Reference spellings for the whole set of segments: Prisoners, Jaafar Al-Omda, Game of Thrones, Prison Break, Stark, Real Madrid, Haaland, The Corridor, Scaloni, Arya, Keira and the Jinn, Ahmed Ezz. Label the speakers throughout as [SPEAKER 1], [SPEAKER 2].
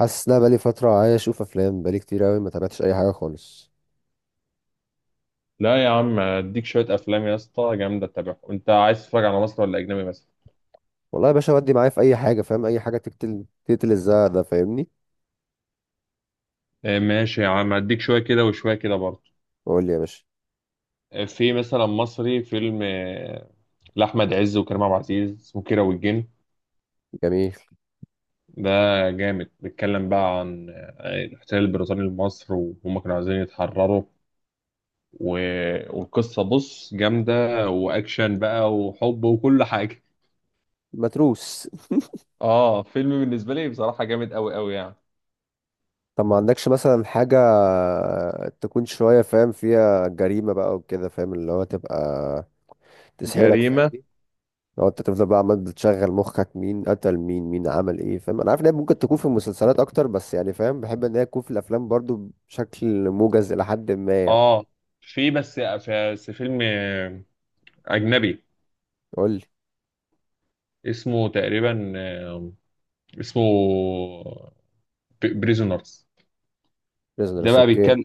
[SPEAKER 1] حاسس ان انا بقالي فتره عايز اشوف افلام بقالي كتير قوي ما تابعتش اي حاجه خالص.
[SPEAKER 2] لا يا عم اديك شويه افلام يا اسطى جامده تتابعهم. انت عايز تتفرج على مصري ولا اجنبي مثلا؟
[SPEAKER 1] والله يا باشا ودي معايا في اي حاجه فاهم، اي حاجه تقتل تقتل الزهق ده فاهمني.
[SPEAKER 2] ماشي يا عم اديك شويه كده وشويه كده برضه.
[SPEAKER 1] قول لي يا باشا.
[SPEAKER 2] في مثلا مصري فيلم لاحمد عز وكريم عبد العزيز، اسمه كيرة والجن.
[SPEAKER 1] جميل.
[SPEAKER 2] ده جامد، بيتكلم بقى عن الاحتلال البريطاني لمصر، وهم كانوا عايزين يتحرروا، و... والقصه بص جامده، واكشن بقى وحب وكل حاجه.
[SPEAKER 1] متروس.
[SPEAKER 2] اه، فيلم بالنسبه لي بصراحه جامد قوي قوي يعني.
[SPEAKER 1] طب ما عندكش مثلا حاجه تكون شويه فاهم فيها جريمه بقى وكده، فاهم اللي هو تبقى تسحلك
[SPEAKER 2] جريمه.
[SPEAKER 1] فاهمني؟ لو انت تفضل بقى عمال بتشغل مخك مين قتل مين، مين عمل ايه، فاهم؟ انا عارف ان هي ممكن تكون في المسلسلات اكتر، بس يعني فاهم بحب ان هي تكون في الافلام برضو بشكل موجز الى حد ما يعني.
[SPEAKER 2] اه في بس فيلم اجنبي،
[SPEAKER 1] قول لي.
[SPEAKER 2] اسمه تقريبا اسمه بريزونرز. ده
[SPEAKER 1] بريزنرز،
[SPEAKER 2] بقى
[SPEAKER 1] اوكي.
[SPEAKER 2] بيتكلم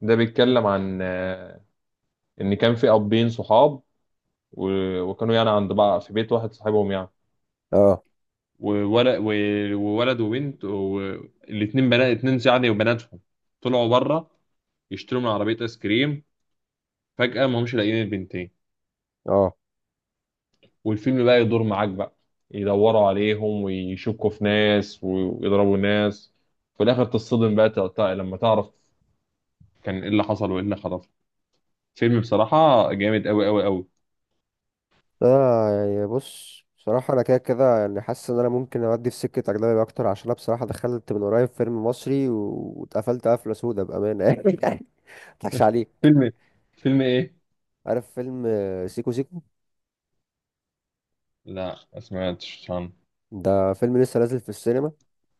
[SPEAKER 2] ده بيتكلم عن ان كان في ابين صحاب، وكانوا يعني عند بعض في بيت واحد، صاحبهم يعني،
[SPEAKER 1] اه.
[SPEAKER 2] وولد وولد وبنت، والاتنين بنات اتنين يعني، وبناتهم طلعوا بره يشتروا من عربية ايس كريم. فجأة ما همش لاقيين البنتين،
[SPEAKER 1] اه،
[SPEAKER 2] والفيلم بقى يدور معاك بقى، يدوروا عليهم ويشكوا في ناس ويضربوا ناس. في الاخر تصطدم بقى، لما تعرف كان ايه اللي حصل وايه اللي حصل. فيلم بصراحة جامد قوي قوي قوي.
[SPEAKER 1] انا يعني بص بصراحة انا كده كده يعني حاسس ان انا ممكن اودي في سكة اجنبي اكتر، عشان انا بصراحة دخلت من قريب فيلم مصري واتقفلت قفلة سودة بأمانة يعني. مضحكش عليك.
[SPEAKER 2] فيلم ايه؟ فيلم ايه؟
[SPEAKER 1] عارف فيلم سيكو سيكو؟
[SPEAKER 2] لا، ما سمعتش عنه.
[SPEAKER 1] ده فيلم لسه نازل في السينما.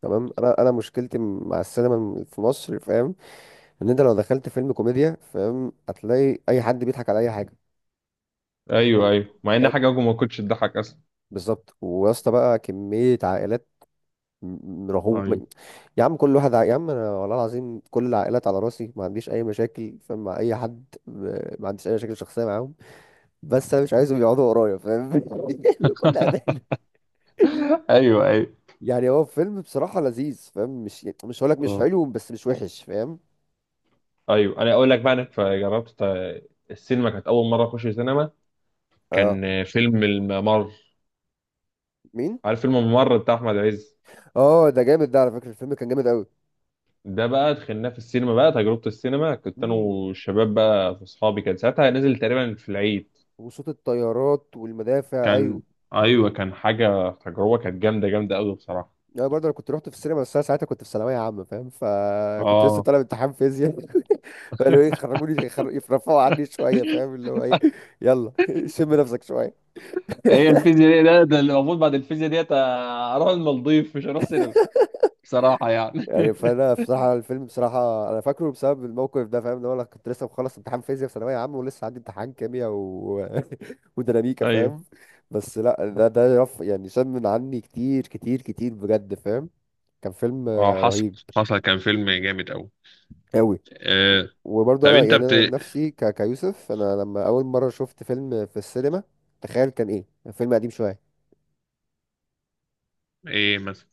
[SPEAKER 1] تمام، انا مشكلتي مع السينما في مصر فاهم؟ ان انت لو دخلت فيلم كوميديا فاهم هتلاقي اي حد بيضحك على اي حاجة
[SPEAKER 2] ايوه، ايوه، مع ان
[SPEAKER 1] فاهم.
[SPEAKER 2] حاجة ما كنتش تضحك اصلا.
[SPEAKER 1] بالظبط، ويا اسطى بقى كمية عائلات م- رغوه
[SPEAKER 2] ايوه.
[SPEAKER 1] م- يا عم كل واحد يا عم انا والله العظيم كل العائلات على راسي، ما عنديش اي مشاكل فاهم مع اي حد، ما عنديش اي مشاكل شخصيه معاهم. بس انا مش عايزهم يقعدوا ورايا فاهم بكل امانه.
[SPEAKER 2] ايوه، ايوه.
[SPEAKER 1] يعني هو فيلم بصراحه لذيذ فاهم، مش مش هقولك مش
[SPEAKER 2] آه.
[SPEAKER 1] حلو بس مش وحش فاهم.
[SPEAKER 2] ايوه، انا اقول لك بقى. انا جربت السينما، كانت اول مره اخش سينما،
[SPEAKER 1] اه.
[SPEAKER 2] كان فيلم الممر.
[SPEAKER 1] مين؟
[SPEAKER 2] عارف فيلم الممر بتاع احمد عز؟
[SPEAKER 1] اه ده جامد، ده على فكره الفيلم كان جامد قوي.
[SPEAKER 2] ده بقى دخلناه في السينما، بقى تجربة السينما، كنت انا
[SPEAKER 1] امم،
[SPEAKER 2] والشباب بقى، في اصحابي، كان ساعتها نزل تقريبا في العيد.
[SPEAKER 1] وصوت الطيارات والمدافع ايوه.
[SPEAKER 2] كان ايوه، كان حاجة، تجربة كانت جامدة جامدة قوي بصراحة.
[SPEAKER 1] انا برضه انا كنت رحت في السينما، بس انا ساعتها كنت في ثانويه عامه فاهم، فكنت لسه
[SPEAKER 2] اه.
[SPEAKER 1] طالب امتحان فيزياء. فقالوا ايه خرجوني يرفعوا عني شويه فاهم اللي هو ايه. يلا شم نفسك شويه.
[SPEAKER 2] هي الفيزياء دي، ده اللي المفروض بعد الفيزياء ديت اروح المالديف، مش هروح سينما، بصراحة يعني.
[SPEAKER 1] يعني فانا بصراحه الفيلم بصراحه انا فاكره بسبب الموقف ده فاهم، ان هو انا كنت لسه مخلص امتحان فيزياء في ثانويه عامه ولسه عندي امتحان كيمياء وديناميكا
[SPEAKER 2] ايوه.
[SPEAKER 1] فاهم. بس لا، ده ده رف يعني شم من عني كتير كتير كتير بجد فاهم. كان فيلم
[SPEAKER 2] اه، حصل،
[SPEAKER 1] رهيب
[SPEAKER 2] حصل، كان فيلم جامد قوي.
[SPEAKER 1] قوي.
[SPEAKER 2] آه.
[SPEAKER 1] وبرضه
[SPEAKER 2] طب
[SPEAKER 1] انا
[SPEAKER 2] انت
[SPEAKER 1] يعني
[SPEAKER 2] بت...
[SPEAKER 1] انا عن نفسي كيوسف، انا لما اول مره شفت فيلم في السينما تخيل كان ايه. فيلم قديم شويه.
[SPEAKER 2] ايه مثلا؟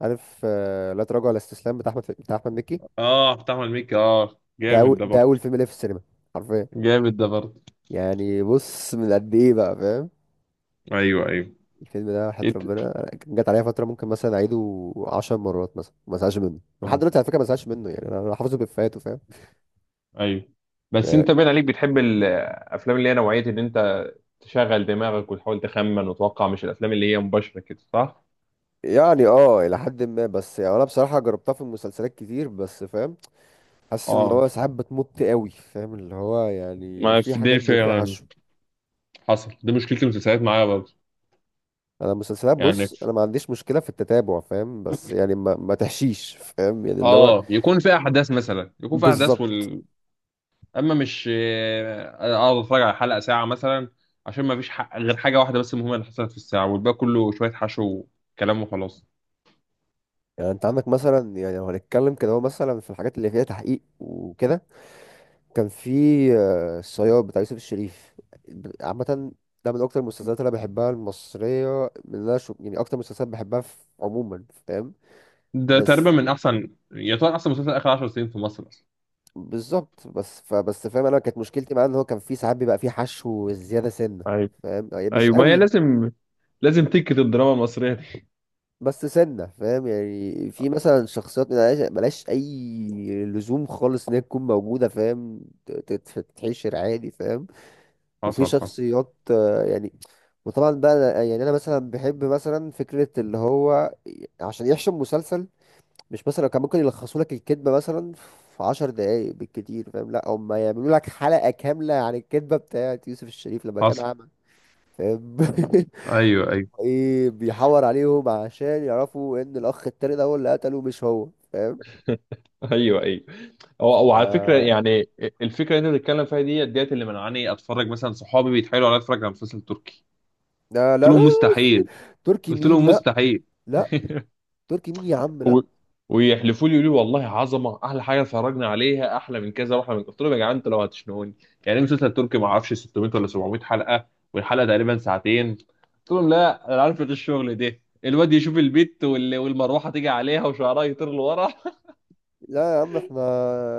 [SPEAKER 1] عارف لا تراجع ولا استسلام بتاع احمد بتاع احمد مكي؟
[SPEAKER 2] اه بتعمل ميكي، اه جامد ده
[SPEAKER 1] ده اول
[SPEAKER 2] برضه،
[SPEAKER 1] فيلم ليه في السينما حرفيا.
[SPEAKER 2] جامد ده برضه.
[SPEAKER 1] يعني بص من قد ايه بقى فاهم.
[SPEAKER 2] ايوه، ايوه.
[SPEAKER 1] الفيلم ده وحياة
[SPEAKER 2] إيه
[SPEAKER 1] ربنا جت عليا فتره ممكن مثلا اعيده 10 مرات مثلا ما ازهقش منه، ولحد
[SPEAKER 2] اه،
[SPEAKER 1] دلوقتي على فكره ما ازهقش منه، يعني أنا حافظه بافيهاته فاهم.
[SPEAKER 2] ايوه. بس
[SPEAKER 1] يعني.
[SPEAKER 2] انت باين عليك بتحب الافلام اللي هي نوعيه ان انت تشغل دماغك وتحاول تخمن وتوقع، مش الافلام اللي هي مباشره كده، صح؟
[SPEAKER 1] يعني اه الى حد ما، بس يعني انا بصراحه جربتها في مسلسلات كتير بس فاهم، حاسس اللي
[SPEAKER 2] اه،
[SPEAKER 1] هو ساعات بتمط قوي فاهم، اللي هو يعني
[SPEAKER 2] ما
[SPEAKER 1] في
[SPEAKER 2] في
[SPEAKER 1] حاجات
[SPEAKER 2] دي
[SPEAKER 1] بيبقى فيها
[SPEAKER 2] فعلا،
[SPEAKER 1] حشو.
[SPEAKER 2] حصل، دي مشكلة المسلسلات معايا برضه.
[SPEAKER 1] انا المسلسلات
[SPEAKER 2] يعني
[SPEAKER 1] بص انا ما عنديش مشكله في التتابع فاهم، بس يعني ما تحشيش فاهم يعني اللي هو.
[SPEAKER 2] اه، يكون في احداث مثلا، يكون في احداث
[SPEAKER 1] بالظبط.
[SPEAKER 2] اما مش اقعد اتفرج على حلقة ساعة مثلا، عشان ما فيش غير حاجة واحدة بس مهمة اللي حصلت في الساعة، والباقي كله شوية حشو وكلام وخلاص.
[SPEAKER 1] يعني انت عندك مثلا يعني لو هنتكلم كده، هو مثلا في الحاجات اللي فيها تحقيق وكده كان في الصياد بتاع يوسف الشريف عامه، ده من اكتر المسلسلات اللي انا بحبها المصريه، من اللي انا يعني اكتر مسلسلات بحبها في عموما فاهم.
[SPEAKER 2] ده تقريبا
[SPEAKER 1] بس.
[SPEAKER 2] من احسن، يعتبر احسن مسلسل اخر 10 سنين في مصر،
[SPEAKER 1] بالظبط، فبس فاهم، انا كانت مشكلتي معاه ان هو كان في ساعات بيبقى فيه حشو زياده سنه
[SPEAKER 2] اصلا.
[SPEAKER 1] فاهم يعني مش
[SPEAKER 2] ايوه، ما هي
[SPEAKER 1] قوي.
[SPEAKER 2] لازم، تكت الدراما المصريه دي.
[SPEAKER 1] بس سنه فاهم يعني في مثلا شخصيات ملهاش اي لزوم خالص ان هي تكون موجوده فاهم. ت- ت- تتحشر عادي فاهم. وفي
[SPEAKER 2] حصل، حصل،
[SPEAKER 1] شخصيات يعني. وطبعا بقى يعني انا مثلا بحب مثلا فكره اللي هو عشان يحشم مسلسل. مش مثلا كان ممكن يلخصوا لك الكدبة مثلا في عشر دقايق بالكتير فاهم، لا هم يعملوا لك حلقة كاملة عن الكدبة بتاعت يوسف الشريف لما كان
[SPEAKER 2] حصل.
[SPEAKER 1] أعمى فاهم.
[SPEAKER 2] ايوه، ايوه،
[SPEAKER 1] ايه بيحور عليهم عشان يعرفوا ان الأخ التاني ده هو اللي قتله مش هو فاهم.
[SPEAKER 2] ايوه، ايوه. او، او، على فكره
[SPEAKER 1] آه.
[SPEAKER 2] يعني، الفكره اللي انت بتتكلم فيها دي، ديت اللي منعاني اتفرج. مثلا صحابي بيتحايلوا عليا اتفرج على مسلسل تركي،
[SPEAKER 1] لا
[SPEAKER 2] قلت
[SPEAKER 1] لا لا لا.
[SPEAKER 2] لهم مستحيل.
[SPEAKER 1] تركي
[SPEAKER 2] قلت
[SPEAKER 1] مين؟
[SPEAKER 2] لهم
[SPEAKER 1] لا.
[SPEAKER 2] مستحيل،
[SPEAKER 1] لا تركي مين يا عم لا.
[SPEAKER 2] و... ويحلفوا لي، يقولوا لي والله عظمه، احلى حاجه اتفرجنا عليها، احلى من كذا، واحلى من كذا. قلت لهم يا جدعان انتوا لو هتشنقوني. يعني إيه مسلسل تركي ما اعرفش 600 ولا 700 حلقه، والحلقه تقريبا ساعتين؟ قلت لهم لا، انا عارفه الشغل ده، الواد يشوف البت والمروحه تيجي عليها وشعرها يطير لورا.
[SPEAKER 1] لا يا عم احنا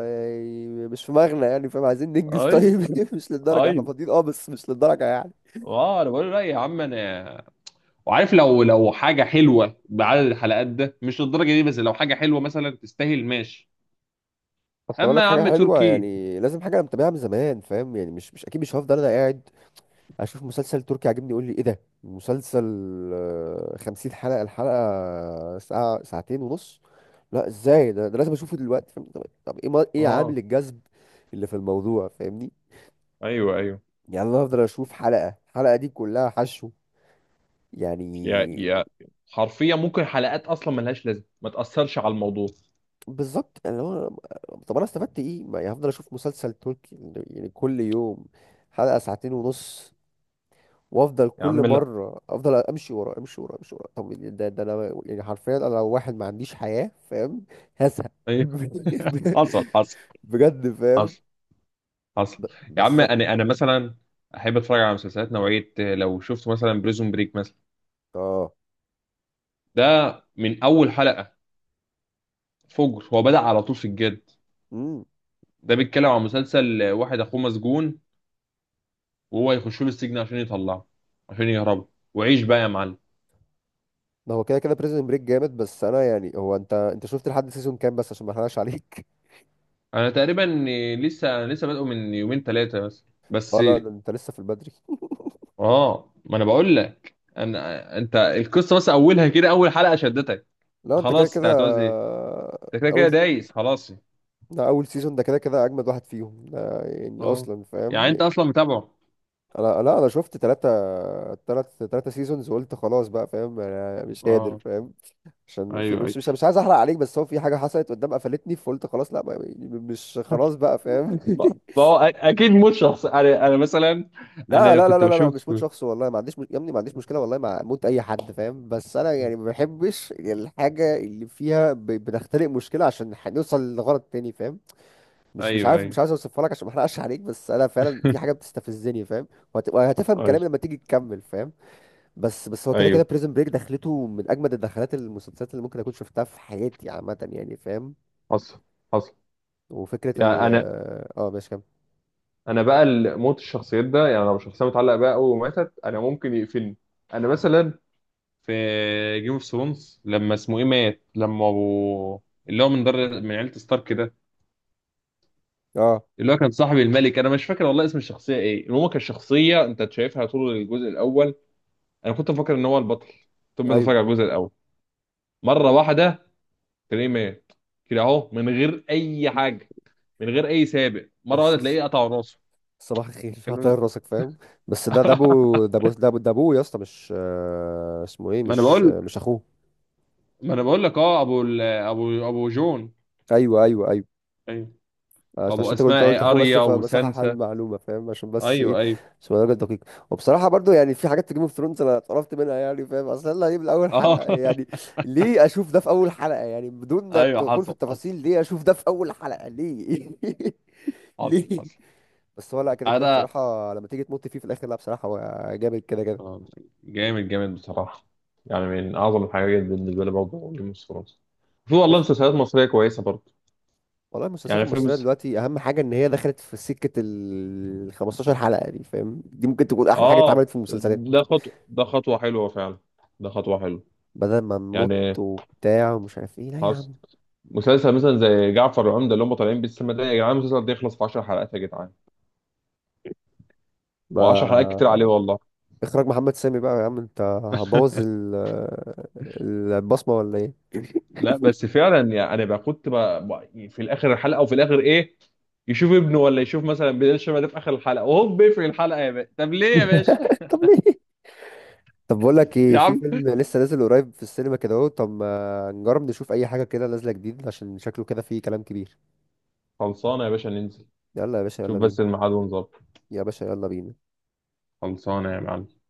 [SPEAKER 1] يعني مش في مغنى يعني فاهم، عايزين ننجز
[SPEAKER 2] اي،
[SPEAKER 1] طيب مش للدرجة، احنا
[SPEAKER 2] اي.
[SPEAKER 1] فاضيين اه بس مش للدرجة يعني.
[SPEAKER 2] اه، انا بقول له لا يا عم، انا وعارف. لو حاجه حلوه بعدد الحلقات ده، مش للدرجه دي، بس لو حاجه حلوه مثلا تستاهل، ماشي.
[SPEAKER 1] اصل اقول
[SPEAKER 2] اما
[SPEAKER 1] لك
[SPEAKER 2] يا
[SPEAKER 1] حاجه
[SPEAKER 2] عم
[SPEAKER 1] حلوه
[SPEAKER 2] تركي؟
[SPEAKER 1] يعني لازم حاجه انا متابعها من زمان فاهم، يعني مش مش اكيد مش هفضل انا قاعد اشوف مسلسل تركي عاجبني يقول لي ايه ده مسلسل 50 حلقه الحلقه ساعه ساعتين ونص. لا ازاي، ده لازم اشوفه دلوقتي فاهم، طب ايه ايه
[SPEAKER 2] اه،
[SPEAKER 1] عامل الجذب اللي في الموضوع فاهمني.
[SPEAKER 2] ايوه، ايوه.
[SPEAKER 1] يعني انا هفضل اشوف حلقه الحلقه دي كلها حشو يعني.
[SPEAKER 2] يا حرفيا ممكن حلقات اصلا ملهاش لازمه، ما تاثرش على الموضوع.
[SPEAKER 1] بالظبط اللي هو. طب انا استفدت ايه؟ ما يعني هفضل اشوف مسلسل تركي يعني كل يوم حلقه ساعتين ونص، وافضل
[SPEAKER 2] يا
[SPEAKER 1] كل
[SPEAKER 2] عم لا.
[SPEAKER 1] مره افضل امشي ورا امشي ورا امشي ورا. طب يعني ده ده انا يعني حرفيا انا لو واحد ما عنديش حياه فاهم. هزهق
[SPEAKER 2] ايوه، حصل، حصل،
[SPEAKER 1] بجد فاهم.
[SPEAKER 2] حصل، حصل. يا عم،
[SPEAKER 1] بس.
[SPEAKER 2] انا مثلا احب اتفرج على مسلسلات نوعيه. لو شفت مثلا بريزون بريك مثلا،
[SPEAKER 1] اه.
[SPEAKER 2] ده من اول حلقه فجر، هو بدأ على طول في الجد.
[SPEAKER 1] امم،
[SPEAKER 2] ده بيتكلم عن مسلسل واحد اخوه مسجون، وهو يخش له السجن عشان يطلعه، عشان يهربه، وعيش بقى يا معلم.
[SPEAKER 1] ما هو كده كده بريزن بريك جامد، بس انا يعني هو انت شفت لحد سيزون كام بس عشان ما احرقش عليك.
[SPEAKER 2] انا تقريبا أنا لسه بادئه من يومين ثلاثه بس، بس.
[SPEAKER 1] اه لا ده انت لسه في البدري.
[SPEAKER 2] اه، ما انا بقول لك. انت القصه بس اولها كده، اول حلقه شدتك
[SPEAKER 1] لا انت كده
[SPEAKER 2] خلاص. انت
[SPEAKER 1] كده
[SPEAKER 2] هتعوز ايه؟ انت كده كده
[SPEAKER 1] اول.
[SPEAKER 2] دايس خلاص.
[SPEAKER 1] ده اول سيزون ده كده كده اجمد واحد فيهم، ده يعني
[SPEAKER 2] اه،
[SPEAKER 1] اصلا
[SPEAKER 2] يعني
[SPEAKER 1] فاهم.
[SPEAKER 2] انت اصلا متابعه؟
[SPEAKER 1] انا لا، انا شفت تلاتة تلاتة سيزونز وقلت خلاص بقى فاهم، يعني انا مش قادر
[SPEAKER 2] اه،
[SPEAKER 1] فاهم. عشان في
[SPEAKER 2] ايوه،
[SPEAKER 1] مش
[SPEAKER 2] ايوه.
[SPEAKER 1] مش مش عايز احرق عليك، بس هو في حاجة حصلت قدام قفلتني فقلت خلاص لا مش خلاص بقى فاهم.
[SPEAKER 2] ما ما هو اكيد مش شخص. انا مثلا،
[SPEAKER 1] لا
[SPEAKER 2] انا
[SPEAKER 1] لا لا
[SPEAKER 2] كنت
[SPEAKER 1] لا لا لا، مش
[SPEAKER 2] بشوف.
[SPEAKER 1] موت شخص والله ما عنديش مش... يا ابني ما عنديش مشكلة والله مع موت أي حد فاهم، بس أنا يعني ما بحبش الحاجة اللي فيها بنختلق مشكلة عشان هنوصل لغرض تاني فاهم. مش مش
[SPEAKER 2] ايوه،
[SPEAKER 1] عارف مش
[SPEAKER 2] ايوه،
[SPEAKER 1] عايز أوصفها لك عشان ما أحرقش عليك، بس أنا فعلا في حاجة بتستفزني فاهم. وهتفهم
[SPEAKER 2] ايوه،
[SPEAKER 1] كلامي لما تيجي تكمل فاهم. بس، بس هو كده كده
[SPEAKER 2] ايوه،
[SPEAKER 1] بريزن بريك دخلته من اجمد الدخلات المسلسلات اللي ممكن اكون شفتها في حياتي عامه يعني فاهم.
[SPEAKER 2] حصل، حصل.
[SPEAKER 1] وفكره ال
[SPEAKER 2] يعني
[SPEAKER 1] اه آه، ماشي كمل.
[SPEAKER 2] انا بقى، موت الشخصيات ده، يعني لو شخصيه متعلقه بقى قوي وماتت، انا ممكن يقفلني. انا مثلا في جيم اوف ثرونز، لما اسمه ايه مات، لما ابو، اللي هو من عيله ستارك ده،
[SPEAKER 1] اه.
[SPEAKER 2] اللي هو كان صاحب الملك. انا مش فاكر والله اسم الشخصيه ايه، المهم كان شخصيه انت شايفها طول الجزء الاول، انا كنت مفكر ان هو البطل. ثم اتفرج
[SPEAKER 1] ايوه.
[SPEAKER 2] على الجزء الاول مره واحده، تلاقيه مات كده اهو، من غير اي حاجه، من غير اي سابق، مره واحده
[SPEAKER 1] الص- الص-
[SPEAKER 2] تلاقيه قطع راسه.
[SPEAKER 1] صباح الخير هطير
[SPEAKER 2] كان-
[SPEAKER 1] راسك فاهم. بس ده ده ابو ده ابو ده ابو ده ابوه يا اسطى، مش اسمه ايه،
[SPEAKER 2] ما انا
[SPEAKER 1] مش
[SPEAKER 2] بقول
[SPEAKER 1] مش اخوه.
[SPEAKER 2] ما انا بقول لك. اه، ابو ابو جون.
[SPEAKER 1] ايوه ايوه ايوه،
[SPEAKER 2] ايوه،
[SPEAKER 1] عشان عشان
[SPEAKER 2] وابو
[SPEAKER 1] انت قلت
[SPEAKER 2] اسماء
[SPEAKER 1] قلت
[SPEAKER 2] ايه؟
[SPEAKER 1] اخوه بس
[SPEAKER 2] اريا
[SPEAKER 1] فبصحح
[SPEAKER 2] وسانسا.
[SPEAKER 1] المعلومه فاهم عشان بس ايه.
[SPEAKER 2] ايوه، ايوه.
[SPEAKER 1] عشان الراجل دقيق. وبصراحه برضو يعني في حاجات في جيم اوف ثرونز انا اتقرفت منها يعني فاهم، اصل يلا ايه من اول
[SPEAKER 2] اه.
[SPEAKER 1] حلقه يعني. ليه اشوف ده في اول حلقه يعني بدون
[SPEAKER 2] ايوه،
[SPEAKER 1] الدخول في
[SPEAKER 2] حصل، حصل،
[SPEAKER 1] التفاصيل، ليه اشوف ده في اول حلقه ليه.
[SPEAKER 2] حصل،
[SPEAKER 1] ليه.
[SPEAKER 2] حصل.
[SPEAKER 1] بس هو لا كده كده
[SPEAKER 2] انا
[SPEAKER 1] بصراحه لما تيجي تمط فيه في الاخر، لا بصراحه هو جامد كده كده.
[SPEAKER 2] آه، جامد، جامد بصراحة. يعني من أعظم الحاجات بالنسبة لي برضه جيم اوف ثرونز. في والله
[SPEAKER 1] شفت.
[SPEAKER 2] مسلسلات مصرية كويسة برضه.
[SPEAKER 1] والله المسلسلات
[SPEAKER 2] يعني
[SPEAKER 1] المصريه دلوقتي اهم حاجه ان هي دخلت في سكه ال 15 حلقه دي فاهم، دي ممكن تكون احلى حاجه
[SPEAKER 2] آه،
[SPEAKER 1] اتعملت في المسلسلات.
[SPEAKER 2] ده خطوة حلوة فعلا. ده خطوة حلوة.
[SPEAKER 1] بدل ما نموت
[SPEAKER 2] يعني
[SPEAKER 1] وبتاع ومش عارف ايه لا يا
[SPEAKER 2] خلاص،
[SPEAKER 1] عم.
[SPEAKER 2] مسلسل مثلا زي جعفر العمدة اللي هم طالعين بالسما ده، يا جدعان المسلسل ده يخلص في 10 حلقات يا جدعان، و10
[SPEAKER 1] ما
[SPEAKER 2] حلقات كتير عليه والله.
[SPEAKER 1] اخراج محمد سامي بقى يا عم، انت هبوظ البصمة ولا ايه؟
[SPEAKER 2] لا، بس فعلا يعني انا بقى كنت بقى، في الاخر الحلقه، او في الاخر ايه، يشوف ابنه، ولا يشوف مثلا بلال شبه ده في اخر الحلقه، وهوب بيقفل الحلقه يا باشا. طب ليه يا باشا؟
[SPEAKER 1] طب ليه. طب بقول لك
[SPEAKER 2] يا
[SPEAKER 1] ايه، في
[SPEAKER 2] عم،
[SPEAKER 1] فيلم لسه نازل قريب في السينما كده اهو، طب ما نجرب نشوف اي حاجة كده نازلة جديد عشان شكله كده فيه كلام كبير.
[SPEAKER 2] خلصانه يا باشا، ننزل.
[SPEAKER 1] يلا يا باشا يلا
[SPEAKER 2] شوف
[SPEAKER 1] بينا.
[SPEAKER 2] بس الميعاد ونظبط.
[SPEAKER 1] يا باشا يلا بينا.
[SPEAKER 2] خلصانه يا معلم.